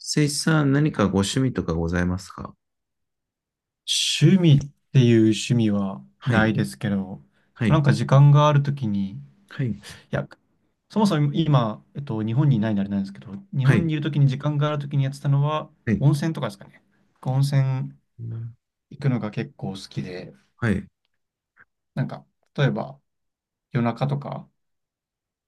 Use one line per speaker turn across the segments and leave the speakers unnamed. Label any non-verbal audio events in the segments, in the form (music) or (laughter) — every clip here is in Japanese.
誠一さん、何かご趣味とかございますか？
趣味っていう趣味は
は
な
い、
いですけど、
は
なん
い、
か時間があるときに、い
はい、
や、そもそも今、日本にいないんであれなんですけど、日
は
本
い、
にいるときに時間があるときにやってたのは、
はい、
温泉とかですかね。温泉
な
行くのが結構好きで、
はい。
なんか、例えば夜中とか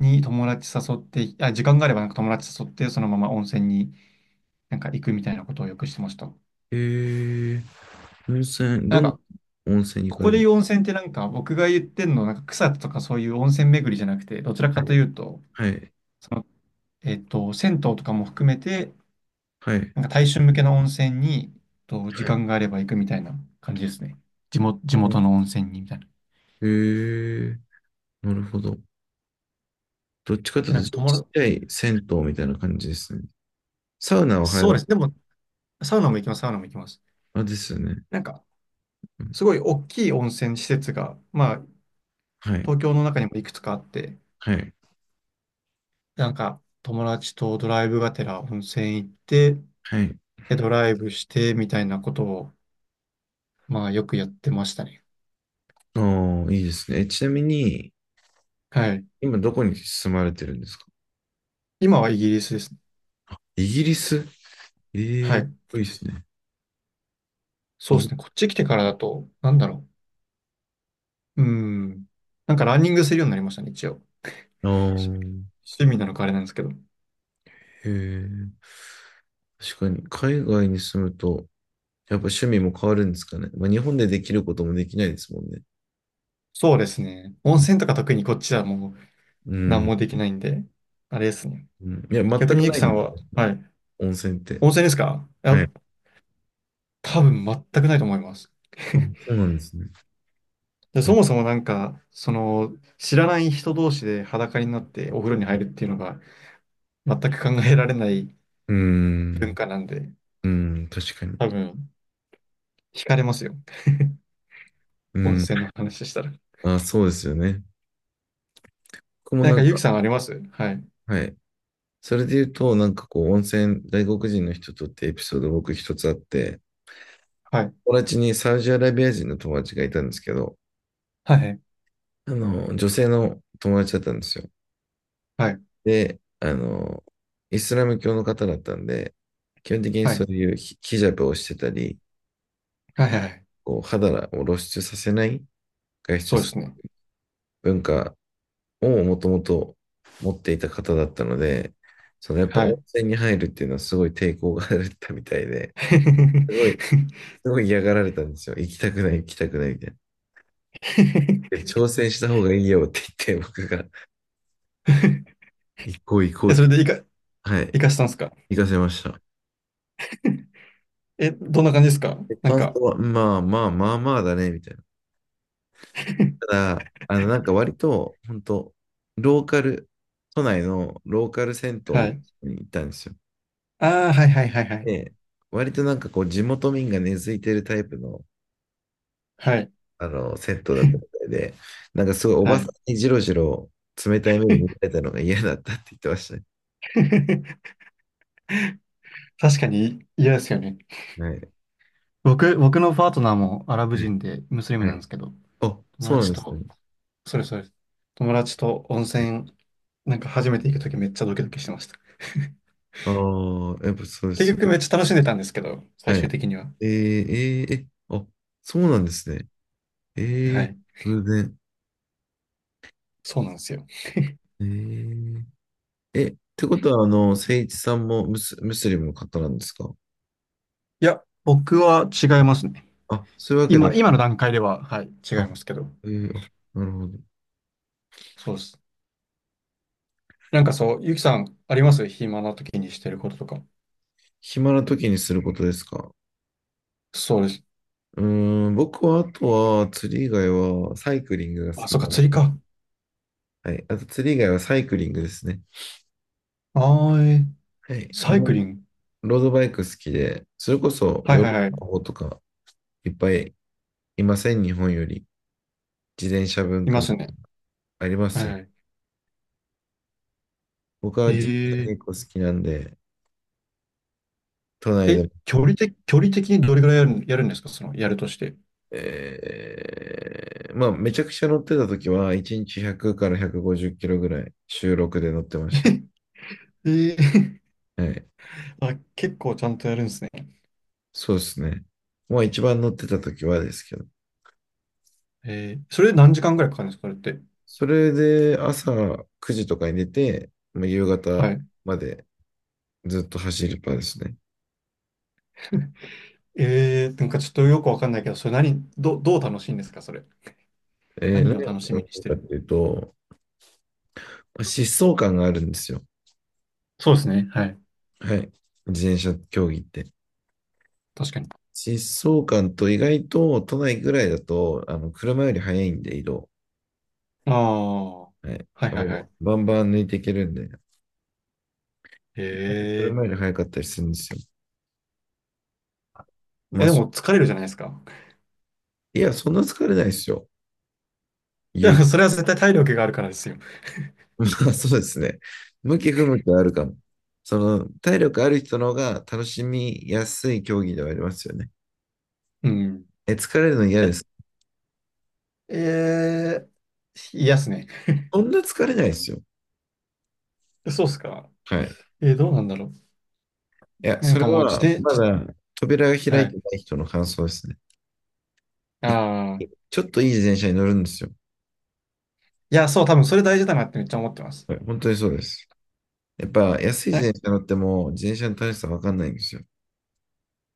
に友達誘って、あ、時間があればなんか友達誘って、そのまま温泉になんか行くみたいなことをよくしてました。
えー、温泉、
な
ど
ん
んな
か、
温泉に行
こ
か
こ
れ
で
る？
言う温泉ってなんか僕が言ってんの、なんか草津とかそういう温泉巡りじゃなくて、どちら
は
かと
い、
いうと、
はい、
その、銭湯とかも含めて、
はい、
なんか大衆向けの温泉に、時
はい。
間があれば行くみたいな感じですね。地元、
う
地
ん、
元の温泉にみたいな。
えー、なるほど。どっちかとい
で
う
なんか
と、
友
ちっ
達、
ちゃい銭湯みたいな感じですね。サウナを入ら、
そうです。でも、サウナも行きます、サウナも行きます。
あ、ですよね。
なんか、
うん、
すごい大きい温泉施設が、まあ、
はい、
東京の中にもいくつかあって、
はい、
なんか、友達とドライブがてら温泉行って、
はい。
で、ドライブしてみたいなことを、まあ、よくやってましたね。
ああ、いいですね。ちなみに、
はい。
今どこに住まれてるんですか？
今はイギリスですね。
イギリス、ええ
は
ー、かっ
い。
こいいですね。
そうですね。こっち来てからだと、なんだろう。うん。なんかランニングするようになりましたね、一応。
あ
し
ー、
趣味なのかあれなんですけど。
へえ。確かに、海外に住むと、やっぱ趣味も変わるんですかね。まあ、日本でできることもできないですもんね。
そうですね。温泉とか特にこっちはもう
う
何
ん。
もできないんで、あれですね。
うん、いや、全
逆に
く
ゆ
な
き
いん
さ
で
ん
す
は、
ね。
はい。
温泉って。
温泉ですかいや、
はい。あ、
多分全くないと思います。
そ
(laughs)
うなんですね。
で、そ
え、
もそもなんか、その、知らない人同士で裸になってお風呂に入るっていうのが全く考えられない
う
文
ん。
化なんで、
うん。確かに。
多分、惹かれますよ。
う
温
ん。
泉の話したら。
あ、そうですよね。僕も
なん
な
か、
ん
ゆ
か、
きさんありますはい。
はい。それで言うと、なんかこう、温泉、外国人の人とってエピソード僕一つあって、
はい。
友達にサウジアラビア人の友達がいたんですけど、
はい。
あの、女性の友達だったんですよ。
はい。
で、あの、イスラム教の方だったんで、基本的に
は
そ
い。
ういうヒジャブをしてたり、
はいはいはい。
こう肌を露出させない外出
そう
す
で
る
すね。
文化をもともと持っていた方だったので、そのやっぱ
は
温
い。
泉に入るっていうのはすごい抵抗があったみたいで、すごい、
(laughs)
すごい嫌がられたんですよ。行きたくない、行きたくないみたいな。で挑戦した方がいいよって言って、僕が行こう行こ
え、
うっ
それ
て、
でいか、
はい、
いかしたんですか？
行かせました。
え、どんな感じですか
で
なん
感
か、
想は、まあまあまあまあだね、みたいな。た
(laughs)
だ、あの、なんか割と、本当ローカル、都内のローカル銭湯
は
みたい
い。
なのに行ったんですよ。
ああ、はいはいはいはい。
で、割となんかこう、地元民が根付いてるタイプの、
はい。
あの、銭湯だったみたいで、なんかすごい
(laughs)
お
は
ばさ
い。
んにじろじろ冷たい目に見られたのが嫌だったって言ってましたね。
(laughs) 確かに嫌ですよね。
はい。
僕のパートナーもアラブ
はい。
人でムスリム
は
なんで
い。
すけど、
あ、
友
そうなん
達
ですね。
と、それそれ。友達と温泉、なんか初めて行くときめっちゃドキドキしてました。
ああー、やっぱそう
(laughs)
です
結
よ。
局めっちゃ楽しんでたんですけど、
は
最
い。
終的には。
え、あ、そうなんですね。え
は
え、
い。
偶然。
そうなんですよ。
えー、え、ってことは、あの、誠一さんもムスリムの方なんですか？
いや、僕は違いますね。
あ、そういうわけで
今、
はな
今の
い。
段階では、はい、違い
あ、
ますけど。
あ、なるほど。
そうです。なんかそう、ゆきさん、あります暇な時にしてることとか。
暇な時にすることですか？
そうです。
うーん、僕は、あとは、釣り以外は、サイクリングが好
あ、
き
そっか、
なの
釣り
で、
か。
はい。あと、釣り以外はサイクリングですね。
あー、えー
はい。
サイク
ロ
リング。
ロードバイク好きで、それこそ、
は
ヨ
い
ーロッ
はいは
パの
い。
方とか、いっぱいいません、日本より。自転車文
い
化
ますね。
ありますよ
は
ね。
い
僕
え
は自転車
ー、
結構好きなんで、都内
え、
で。
距離的にどれぐらいやる、やるんですかその、やるとして。
まあ、めちゃくちゃ乗ってた時は、1日100から150キロぐらい、週録で乗ってました。
(laughs) えー、
はい。
(laughs) あ、結構ちゃんとやるんですね。
そうですね。まあ、一番乗ってた時はですけど。
えー、それで何時間ぐらいかかるんですかそれって。
それで、朝9時とかに出て、まあ、夕方
はい。
までずっと走るパーですね。
(laughs) えー、なんかちょっとよくわかんないけど、それ何、ど、どう楽しいんですかそれ。何
何
を
が
楽しみ
楽
に
し
し
い
て
かっ
る
ていうと、まあ疾走感があるんですよ。
そうですね。はい。
はい。自転車競技って。
確かに。
疾走感と意外と都内ぐらいだと、あの、車より速いんで移動。
ああ、は
はい。
いはいは
も
い。
うバンバン抜いていけるんで。意外と
え
車より
え。
早かったりするんですよ。ま
え、
あ、
で
そ、
も疲れるじゃないですか。
いや、そんな疲れないですよ。
い
言
や、
う。
それは絶対体力があるからですよ。
(laughs) まあ、そうですね。向き不向きはあるかも。その、体力ある人の方が楽しみやすい競技ではありますよね。
うん。
え、疲れるの嫌で
え、
す。
えー、嫌っすね。
そんな疲れないですよ。
そうっすか。
はい。
えー、どうなんだろ
いや、
う。な
そ
ん
れ
かもう自
は、
転、
ま
じ、
だ、扉が開
は
いて
い。
ない人の感想ですね。い
ああ、
ちょっといい自転車に乗るんですよ。
いや、そう、多分それ大事だなってめっちゃ思ってます。
はい、本当にそうです。やっぱ、安い
え、
自転車乗っても、自転車の楽しさわかんないんですよ。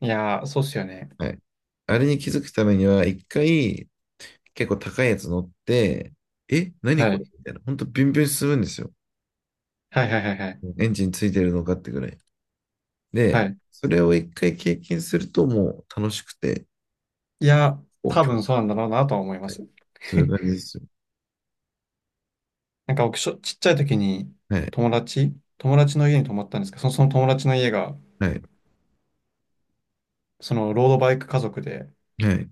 いやー、そうっすよね。
はい。あれに気づくためには、一回結構高いやつ乗って、え、何
は
これ
い。
みたいな。ほんとビュンビュン進むんですよ。
はいはいはいはい。
エンジンついてるのかってぐらい。
は
で、
い。
それを一回経験するともう楽しくて、
いや、
こう、
多
今日、
分そうなんだろうなとは思いま
はい、
す。(laughs)
そういう感じですよ。
なんか僕、しょちっちゃい時に
はい。
友達、友達の家に泊まったんですけど、その、その友達の家が、
はい。
そのロードバイク家族で、
はい。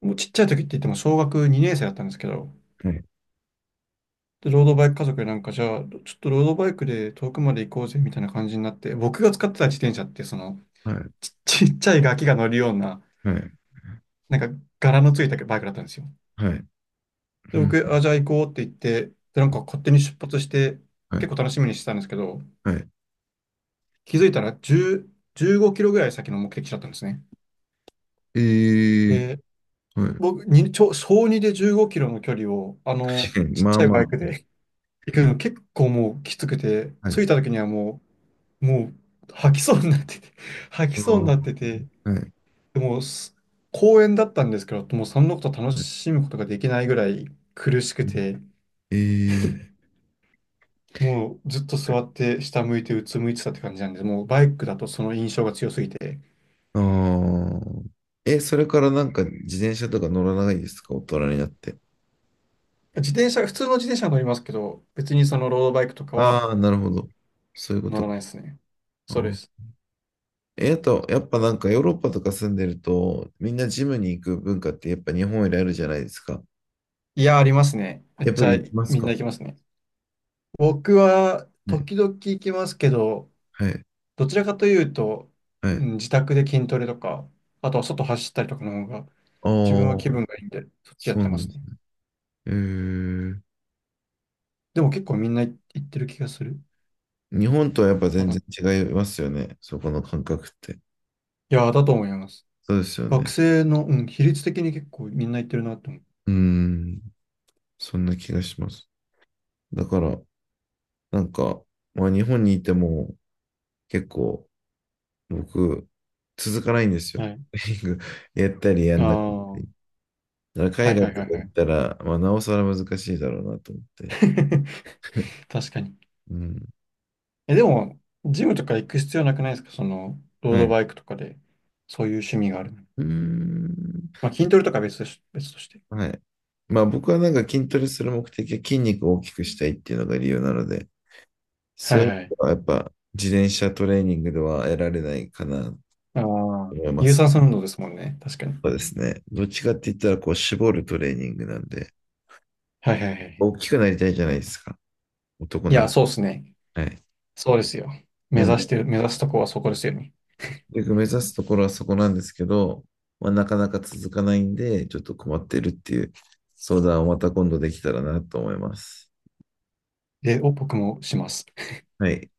もうちっちゃい時って言っても小学2年生だったんですけど、
はい。
で、ロードバイク家族でなんか、じゃあ、ちょっとロードバイクで遠くまで行こうぜみたいな感じになって、僕が使ってた自転車って、その、
はい。
ち、ちっちゃいガキが乗るような、
はい。
なんか柄のついたバイクだったんですよ。
はい。
で、
うん。
僕、あ、じゃあ行こうって言って、で、なんか勝手に出発して、
は
結
い。
構楽しみにしてたんですけど、
はい。
気づいたら10、15キロぐらい先の目的地だったんですね。
えー、
で
はい。
僕、に、ちょ、小2で15キロの距離を、
(laughs)
ちっ
ま
ち
あ
ゃいバイ
ま
クで (laughs) 行くの結構もうきつくて、
あ。は
着
い。
いた時にはもう、もう吐きそうになってて、(laughs) 吐き
あ
そうに
ー、
なってて、
はい。
でもす公園だったんですけど、もうそのこと楽
はい。
しむことができないぐらい苦しくて、
えー
もうずっと座って下向いてうつむいてたって感じなんです、もうバイクだとその印象が強すぎて、
あーえ、それからなんか自転車とか乗らないですか大人になって？
自転車、普通の自転車は乗りますけど、別にそのロードバイクとかは
ああ、なるほど。そういうこ
乗
と
らな
か。
いですね。
あ
そうで
ー、
す。
え、あと、やっぱなんかヨーロッパとか住んでると、みんなジムに行く文化ってやっぱ日本よりあるじゃないですか。
いや、ありますね。め
や
っ
っぱ
ちゃ
り行きます
みんな
か
行きますね。僕は
ね。
時々行きますけど、
はい。
どちらかというと、
は
う
い。
ん自宅で筋トレとか、あとは外走ったりとかの方が、
あ
自分は気
あ、
分がいいんで、そっちや
そ
っ
うな
てま
んで
す
す
ね。
ね。えー、
でも結構みんな行ってる気がする。
日本とはやっぱ
う
全然
ん
違いますよね。そこの感覚って。
いや、だと思います。
そうですよ
学
ね。
生の、うん、比率的に結構みんな行ってるなと思
うーん、そんな気がします。だから、なんか、まあ、日本にいても結構僕、続かないんです
う。
よ。
はい。
(laughs) やったりや
あ
ん
あ、
なかった
は
り。だか
い
ら
は
海
い
外
はい
と
は
か行
い。
ったら、まあ、なおさら難しいだろうなと思って。
(laughs) 確かに。
うん。
え、でも、ジムとか行く必要なくないですかその、ロー
はい。
ド
う
バイクとかで、そういう趣味があるの。
ーん。
まあ、筋トレとかは別として。
はい。まあ僕はなんか筋トレする目的は筋肉を大きくしたいっていうのが理由なので、
は
そうい
い
う
はい。
のはやっぱ自転車トレーニングでは得られないかなと
ああ、
思いま
有
す。
酸素運動ですもんね。確かに。
そうですね。どっちかって言ったらこう絞るトレーニングなんで、
はいはいはいはい。
大きくなりたいじゃないですか。男
い
な
や、
ら。
そうですね。
はい。
そうですよ。目
なん
指し
で、
てる、目指すとこはそこですよね。
結局目指すところはそこなんですけど、まあ、なかなか続かないんで、ちょっと困ってるっていう相談をまた今度できたらなと思います。
で、お、僕もします。
はい。